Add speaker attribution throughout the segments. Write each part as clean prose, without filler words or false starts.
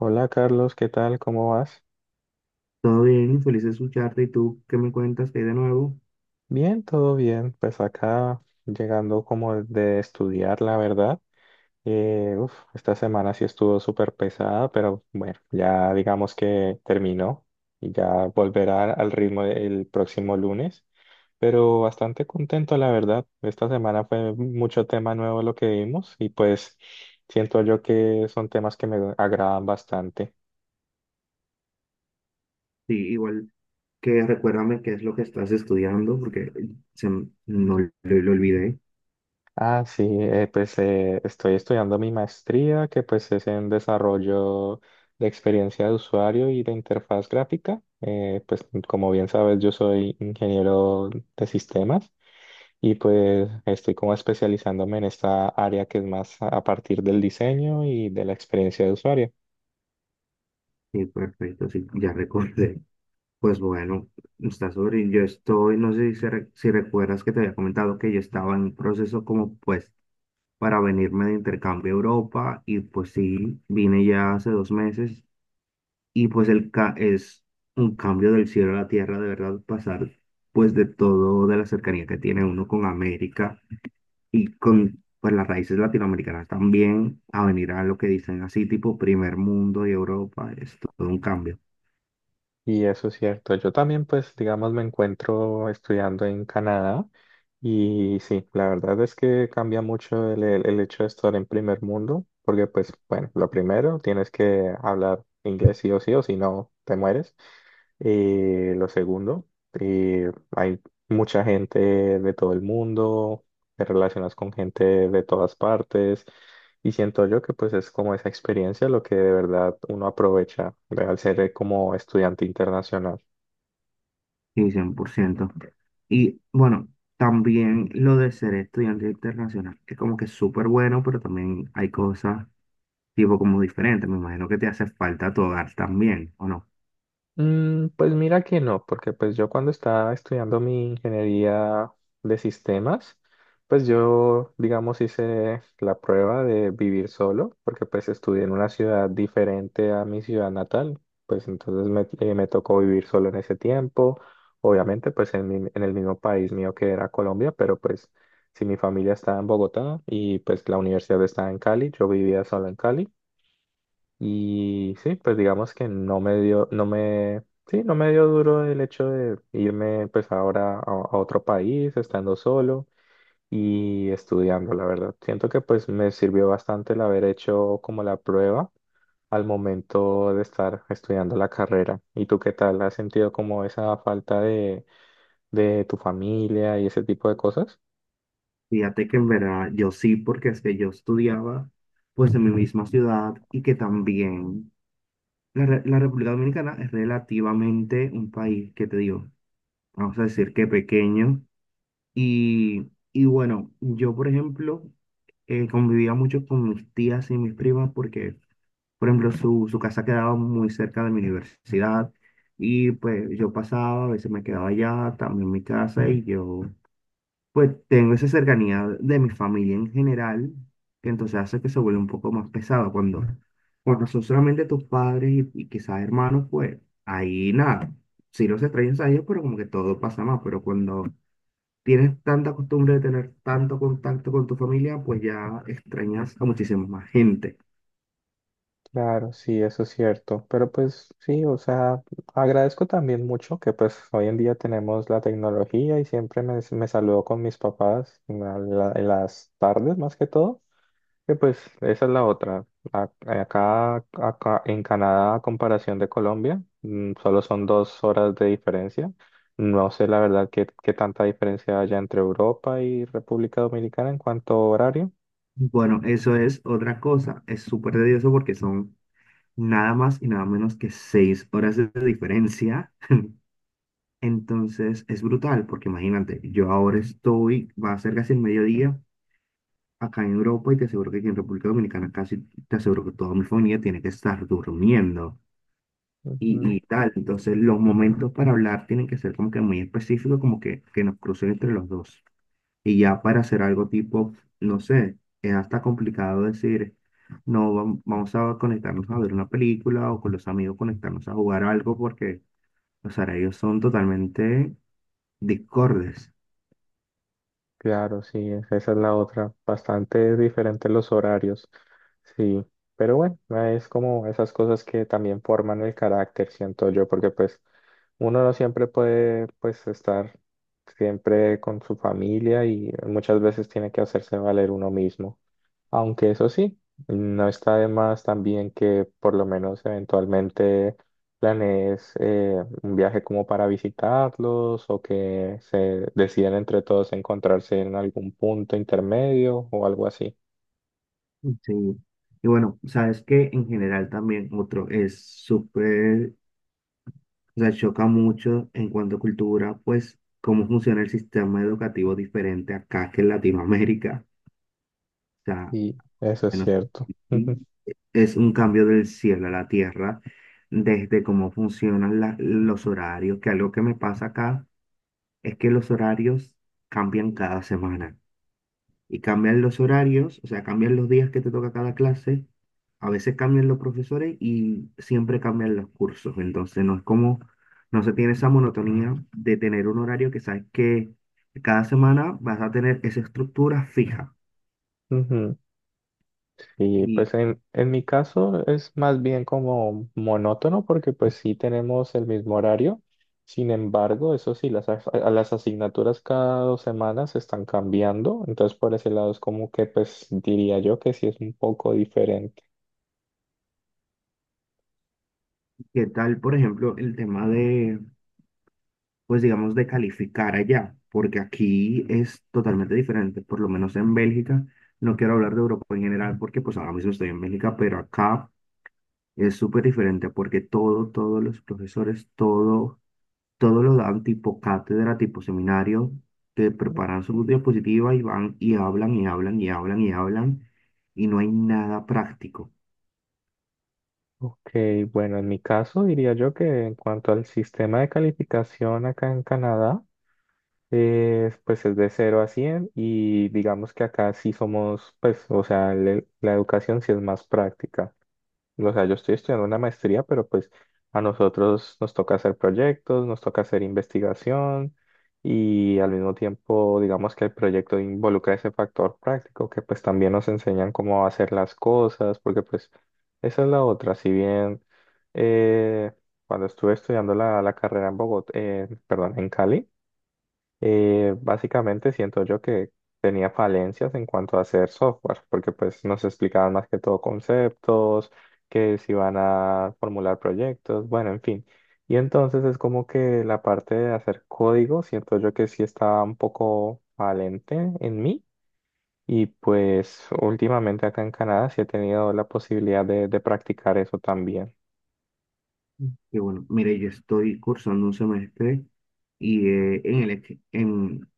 Speaker 1: Hola Carlos, ¿qué tal? ¿Cómo vas?
Speaker 2: Todo bien, feliz de escucharte. ¿Y tú qué me cuentas? ¿Qué hay de nuevo?
Speaker 1: Bien, todo bien. Pues acá llegando como de estudiar, la verdad. Uf, esta semana sí estuvo súper pesada, pero bueno, ya digamos que terminó y ya volverá al ritmo el próximo lunes. Pero bastante contento, la verdad. Esta semana fue mucho tema nuevo lo que vimos y pues siento yo que son temas que me agradan bastante.
Speaker 2: Sí, igual que recuérdame qué es lo que estás estudiando, porque no lo olvidé.
Speaker 1: Ah, sí, estoy estudiando mi maestría, que pues es en desarrollo de experiencia de usuario y de interfaz gráfica. Pues como bien sabes, yo soy ingeniero de sistemas y pues estoy como especializándome en esta área que es más a partir del diseño y de la experiencia de usuario.
Speaker 2: Sí, perfecto, sí, ya recordé. Pues bueno, está sobre. Yo estoy, no sé si recuerdas que te había comentado que yo estaba en proceso como pues para venirme de intercambio a Europa y pues sí, vine ya hace 2 meses. Y pues el ca es un cambio del cielo a la tierra, de verdad, pasar pues de todo, de la cercanía que tiene uno con América y con pues las raíces latinoamericanas también, a venir a lo que dicen así, tipo primer mundo y Europa, es todo un cambio,
Speaker 1: Y eso es cierto. Yo también, pues, digamos, me encuentro estudiando en Canadá y sí, la verdad es que cambia mucho el hecho de estar en primer mundo, porque pues, bueno, lo primero, tienes que hablar inglés sí o sí o si no, te mueres. Lo segundo, hay mucha gente de todo el mundo, te relacionas con gente de todas partes. Y siento yo que pues es como esa experiencia lo que de verdad uno aprovecha, ¿verdad? Al ser como estudiante internacional.
Speaker 2: y cien por ciento. Y bueno, también lo de ser estudiante internacional, que como que es súper bueno, pero también hay cosas tipo como diferentes, me imagino que te hace falta tu hogar también, ¿o no?
Speaker 1: Mm, pues mira que no, porque pues yo cuando estaba estudiando mi ingeniería de sistemas, pues yo, digamos, hice la prueba de vivir solo, porque pues estudié en una ciudad diferente a mi ciudad natal, pues entonces me tocó vivir solo en ese tiempo, obviamente pues en, en el mismo país mío que era Colombia, pero pues si mi familia estaba en Bogotá y pues la universidad estaba en Cali, yo vivía solo en Cali. Y sí, pues digamos que no me dio duro el hecho de irme pues ahora a otro país, estando solo y estudiando, la verdad. Siento que pues me sirvió bastante el haber hecho como la prueba al momento de estar estudiando la carrera. ¿Y tú qué tal? ¿Has sentido como esa falta de tu familia y ese tipo de cosas?
Speaker 2: Fíjate que en verdad yo sí, porque es que yo estudiaba pues en mi misma ciudad y que también la República Dominicana es relativamente un país que te digo, vamos a decir que pequeño y bueno, yo por ejemplo convivía mucho con mis tías y mis primas porque por ejemplo su casa quedaba muy cerca de mi universidad y pues yo pasaba, a veces me quedaba allá, también mi casa y yo pues tengo esa cercanía de mi familia en general, que entonces hace que se vuelva un poco más pesado cuando, cuando son solamente tus padres y quizás hermanos, pues ahí nada, sí los extrañas a ellos, pero como que todo pasa más, pero cuando tienes tanta costumbre de tener tanto contacto con tu familia, pues ya extrañas a muchísima más gente.
Speaker 1: Claro, sí, eso es cierto. Pero pues sí, o sea, agradezco también mucho que pues hoy en día tenemos la tecnología y siempre me saludo con mis papás en, en las tardes más que todo. Que pues esa es la otra. Acá, acá en Canadá, a comparación de Colombia, mm, solo son 2 horas de diferencia. No sé la verdad qué, qué tanta diferencia haya entre Europa y República Dominicana en cuanto a horario.
Speaker 2: Bueno, eso es otra cosa, es súper tedioso porque son nada más y nada menos que 6 horas de diferencia. Entonces es brutal, porque imagínate, yo ahora estoy, va a ser casi el mediodía acá en Europa y te aseguro que aquí en República Dominicana casi te aseguro que toda mi familia tiene que estar durmiendo
Speaker 1: Ujú.
Speaker 2: y tal. Entonces los momentos para hablar tienen que ser como que muy específicos, como que nos crucen entre los dos. Y ya para hacer algo tipo, no sé, es hasta complicado decir, no, vamos a conectarnos a ver una película o con los amigos conectarnos a jugar algo porque los horarios son totalmente discordes.
Speaker 1: Claro, sí, esa es la otra. Bastante diferentes los horarios, sí. Pero bueno, ah, es como esas cosas que también forman el carácter, siento yo, porque pues uno no siempre puede pues estar siempre con su familia y muchas veces tiene que hacerse valer uno mismo. Aunque eso sí, no está de más también que por lo menos eventualmente planees un viaje como para visitarlos o que se decidan entre todos encontrarse en algún punto intermedio o algo así.
Speaker 2: Sí. Y bueno, sabes que en general también otro es súper, o sea, choca mucho en cuanto a cultura, pues cómo funciona el sistema educativo diferente acá que en Latinoamérica. O sea,
Speaker 1: Y eso es
Speaker 2: bueno,
Speaker 1: cierto. Ujú.
Speaker 2: sí, es un cambio del cielo a la tierra desde cómo funcionan los horarios, que algo que me pasa acá es que los horarios cambian cada semana. Y cambian los horarios, o sea, cambian los días que te toca cada clase, a veces cambian los profesores y siempre cambian los cursos, entonces no es como, no se tiene esa monotonía de tener un horario que sabes que cada semana vas a tener esa estructura fija.
Speaker 1: Y
Speaker 2: ¿Y
Speaker 1: pues en mi caso es más bien como monótono porque pues sí tenemos el mismo horario. Sin embargo, eso sí, las asignaturas cada 2 semanas están cambiando. Entonces por ese lado es como que pues diría yo que sí es un poco diferente.
Speaker 2: qué tal, por ejemplo, el tema de, pues digamos, de calificar allá? Porque aquí es totalmente diferente, por lo menos en Bélgica. No quiero hablar de Europa en general porque pues ahora mismo estoy en Bélgica, pero acá es súper diferente porque todos los profesores, todos los dan tipo cátedra, tipo seminario, que preparan su diapositiva y van y hablan y hablan y hablan y hablan y no hay nada práctico.
Speaker 1: Ok, bueno, en mi caso diría yo que en cuanto al sistema de calificación acá en Canadá, pues es de 0 a 100 y digamos que acá sí somos, pues, o sea, la educación sí es más práctica. O sea, yo estoy estudiando una maestría, pero pues a nosotros nos toca hacer proyectos, nos toca hacer investigación y al mismo tiempo, digamos que el proyecto involucra ese factor práctico, que pues también nos enseñan cómo hacer las cosas, porque pues esa es la otra. Si bien eh, cuando estuve estudiando la carrera en Bogotá, perdón, en Cali, básicamente siento yo que tenía falencias en cuanto a hacer software, porque pues nos explicaban más que todo conceptos, que se iban a formular proyectos, bueno, en fin. Y entonces es como que la parte de hacer código, siento yo que sí estaba un poco valente en mí. Y pues últimamente acá en Canadá sí he tenido la posibilidad de practicar eso también.
Speaker 2: Que bueno, mire, yo estoy cursando un semestre y eh, en, elec- en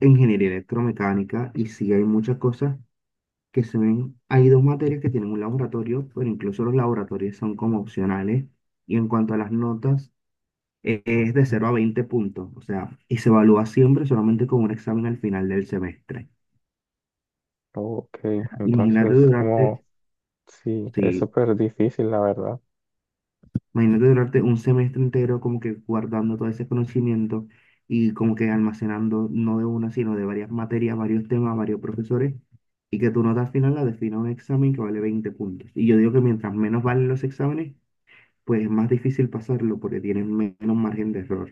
Speaker 2: en ingeniería electromecánica y sí hay muchas cosas que se ven. Hay dos materias que tienen un laboratorio, pero incluso los laboratorios son como opcionales. Y en cuanto a las notas, es de 0 a 20 puntos, o sea, y se evalúa siempre solamente con un examen al final del semestre.
Speaker 1: Ok,
Speaker 2: Imagínate
Speaker 1: entonces
Speaker 2: durarte,
Speaker 1: como sí, es
Speaker 2: sí,
Speaker 1: súper difícil, la verdad.
Speaker 2: imagínate durarte un semestre entero como que guardando todo ese conocimiento y como que almacenando no de una, sino de varias materias, varios temas, varios profesores, y que tu nota al final la defina un examen que vale 20 puntos. Y yo digo que mientras menos valen los exámenes, pues es más difícil pasarlo porque tienen menos margen de error.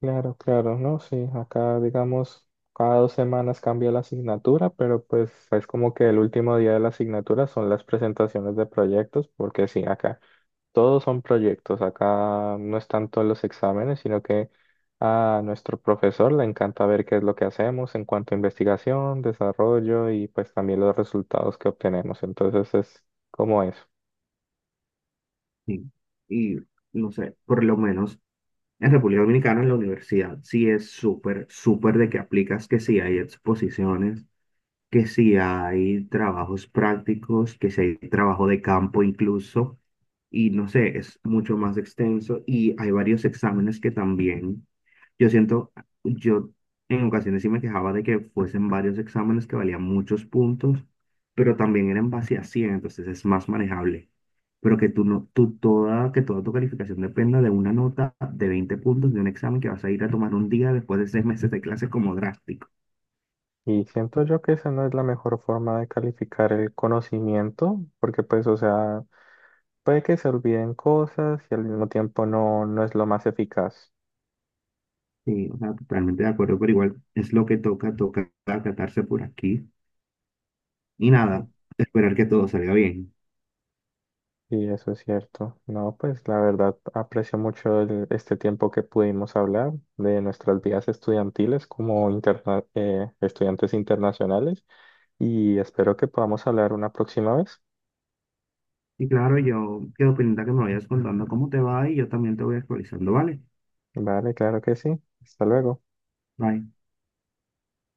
Speaker 1: Claro, claro, ¿no? Sí, acá digamos cada 2 semanas cambia la asignatura, pero pues es como que el último día de la asignatura son las presentaciones de proyectos, porque sí, acá todos son proyectos, acá no es tanto los exámenes, sino que a nuestro profesor le encanta ver qué es lo que hacemos en cuanto a investigación, desarrollo y pues también los resultados que obtenemos. Entonces es como eso.
Speaker 2: Sí. Y no sé, por lo menos en República Dominicana, en la universidad, sí es súper, súper de que aplicas, que si hay exposiciones, que si hay trabajos prácticos, que si hay trabajo de campo incluso y no sé, es mucho más extenso y hay varios exámenes que también, yo siento, yo en ocasiones sí me quejaba de que fuesen varios exámenes que valían muchos puntos, pero también eran base a 100, entonces es más manejable. Pero que tú no, tú toda, que toda tu calificación dependa de una nota de 20 puntos de un examen que vas a ir a tomar un día después de 6 meses de clases como drástico.
Speaker 1: Y siento yo que esa no es la mejor forma de calificar el conocimiento, porque pues, o sea... Puede que se olviden cosas y al mismo tiempo no, no es lo más eficaz.
Speaker 2: Sí, o sea, totalmente de acuerdo, pero igual es lo que toca, toca acatarse por aquí. Y
Speaker 1: Ujú.
Speaker 2: nada, esperar que todo salga bien.
Speaker 1: Y eso es cierto. No, pues la verdad aprecio mucho este tiempo que pudimos hablar de nuestras vidas estudiantiles como estudiantes internacionales y espero que podamos hablar una próxima vez.
Speaker 2: Y claro, yo quedo pendiente a que me vayas contando cómo te va y yo también te voy actualizando, ¿vale?
Speaker 1: Vale, claro que sí. Hasta luego.
Speaker 2: Bye.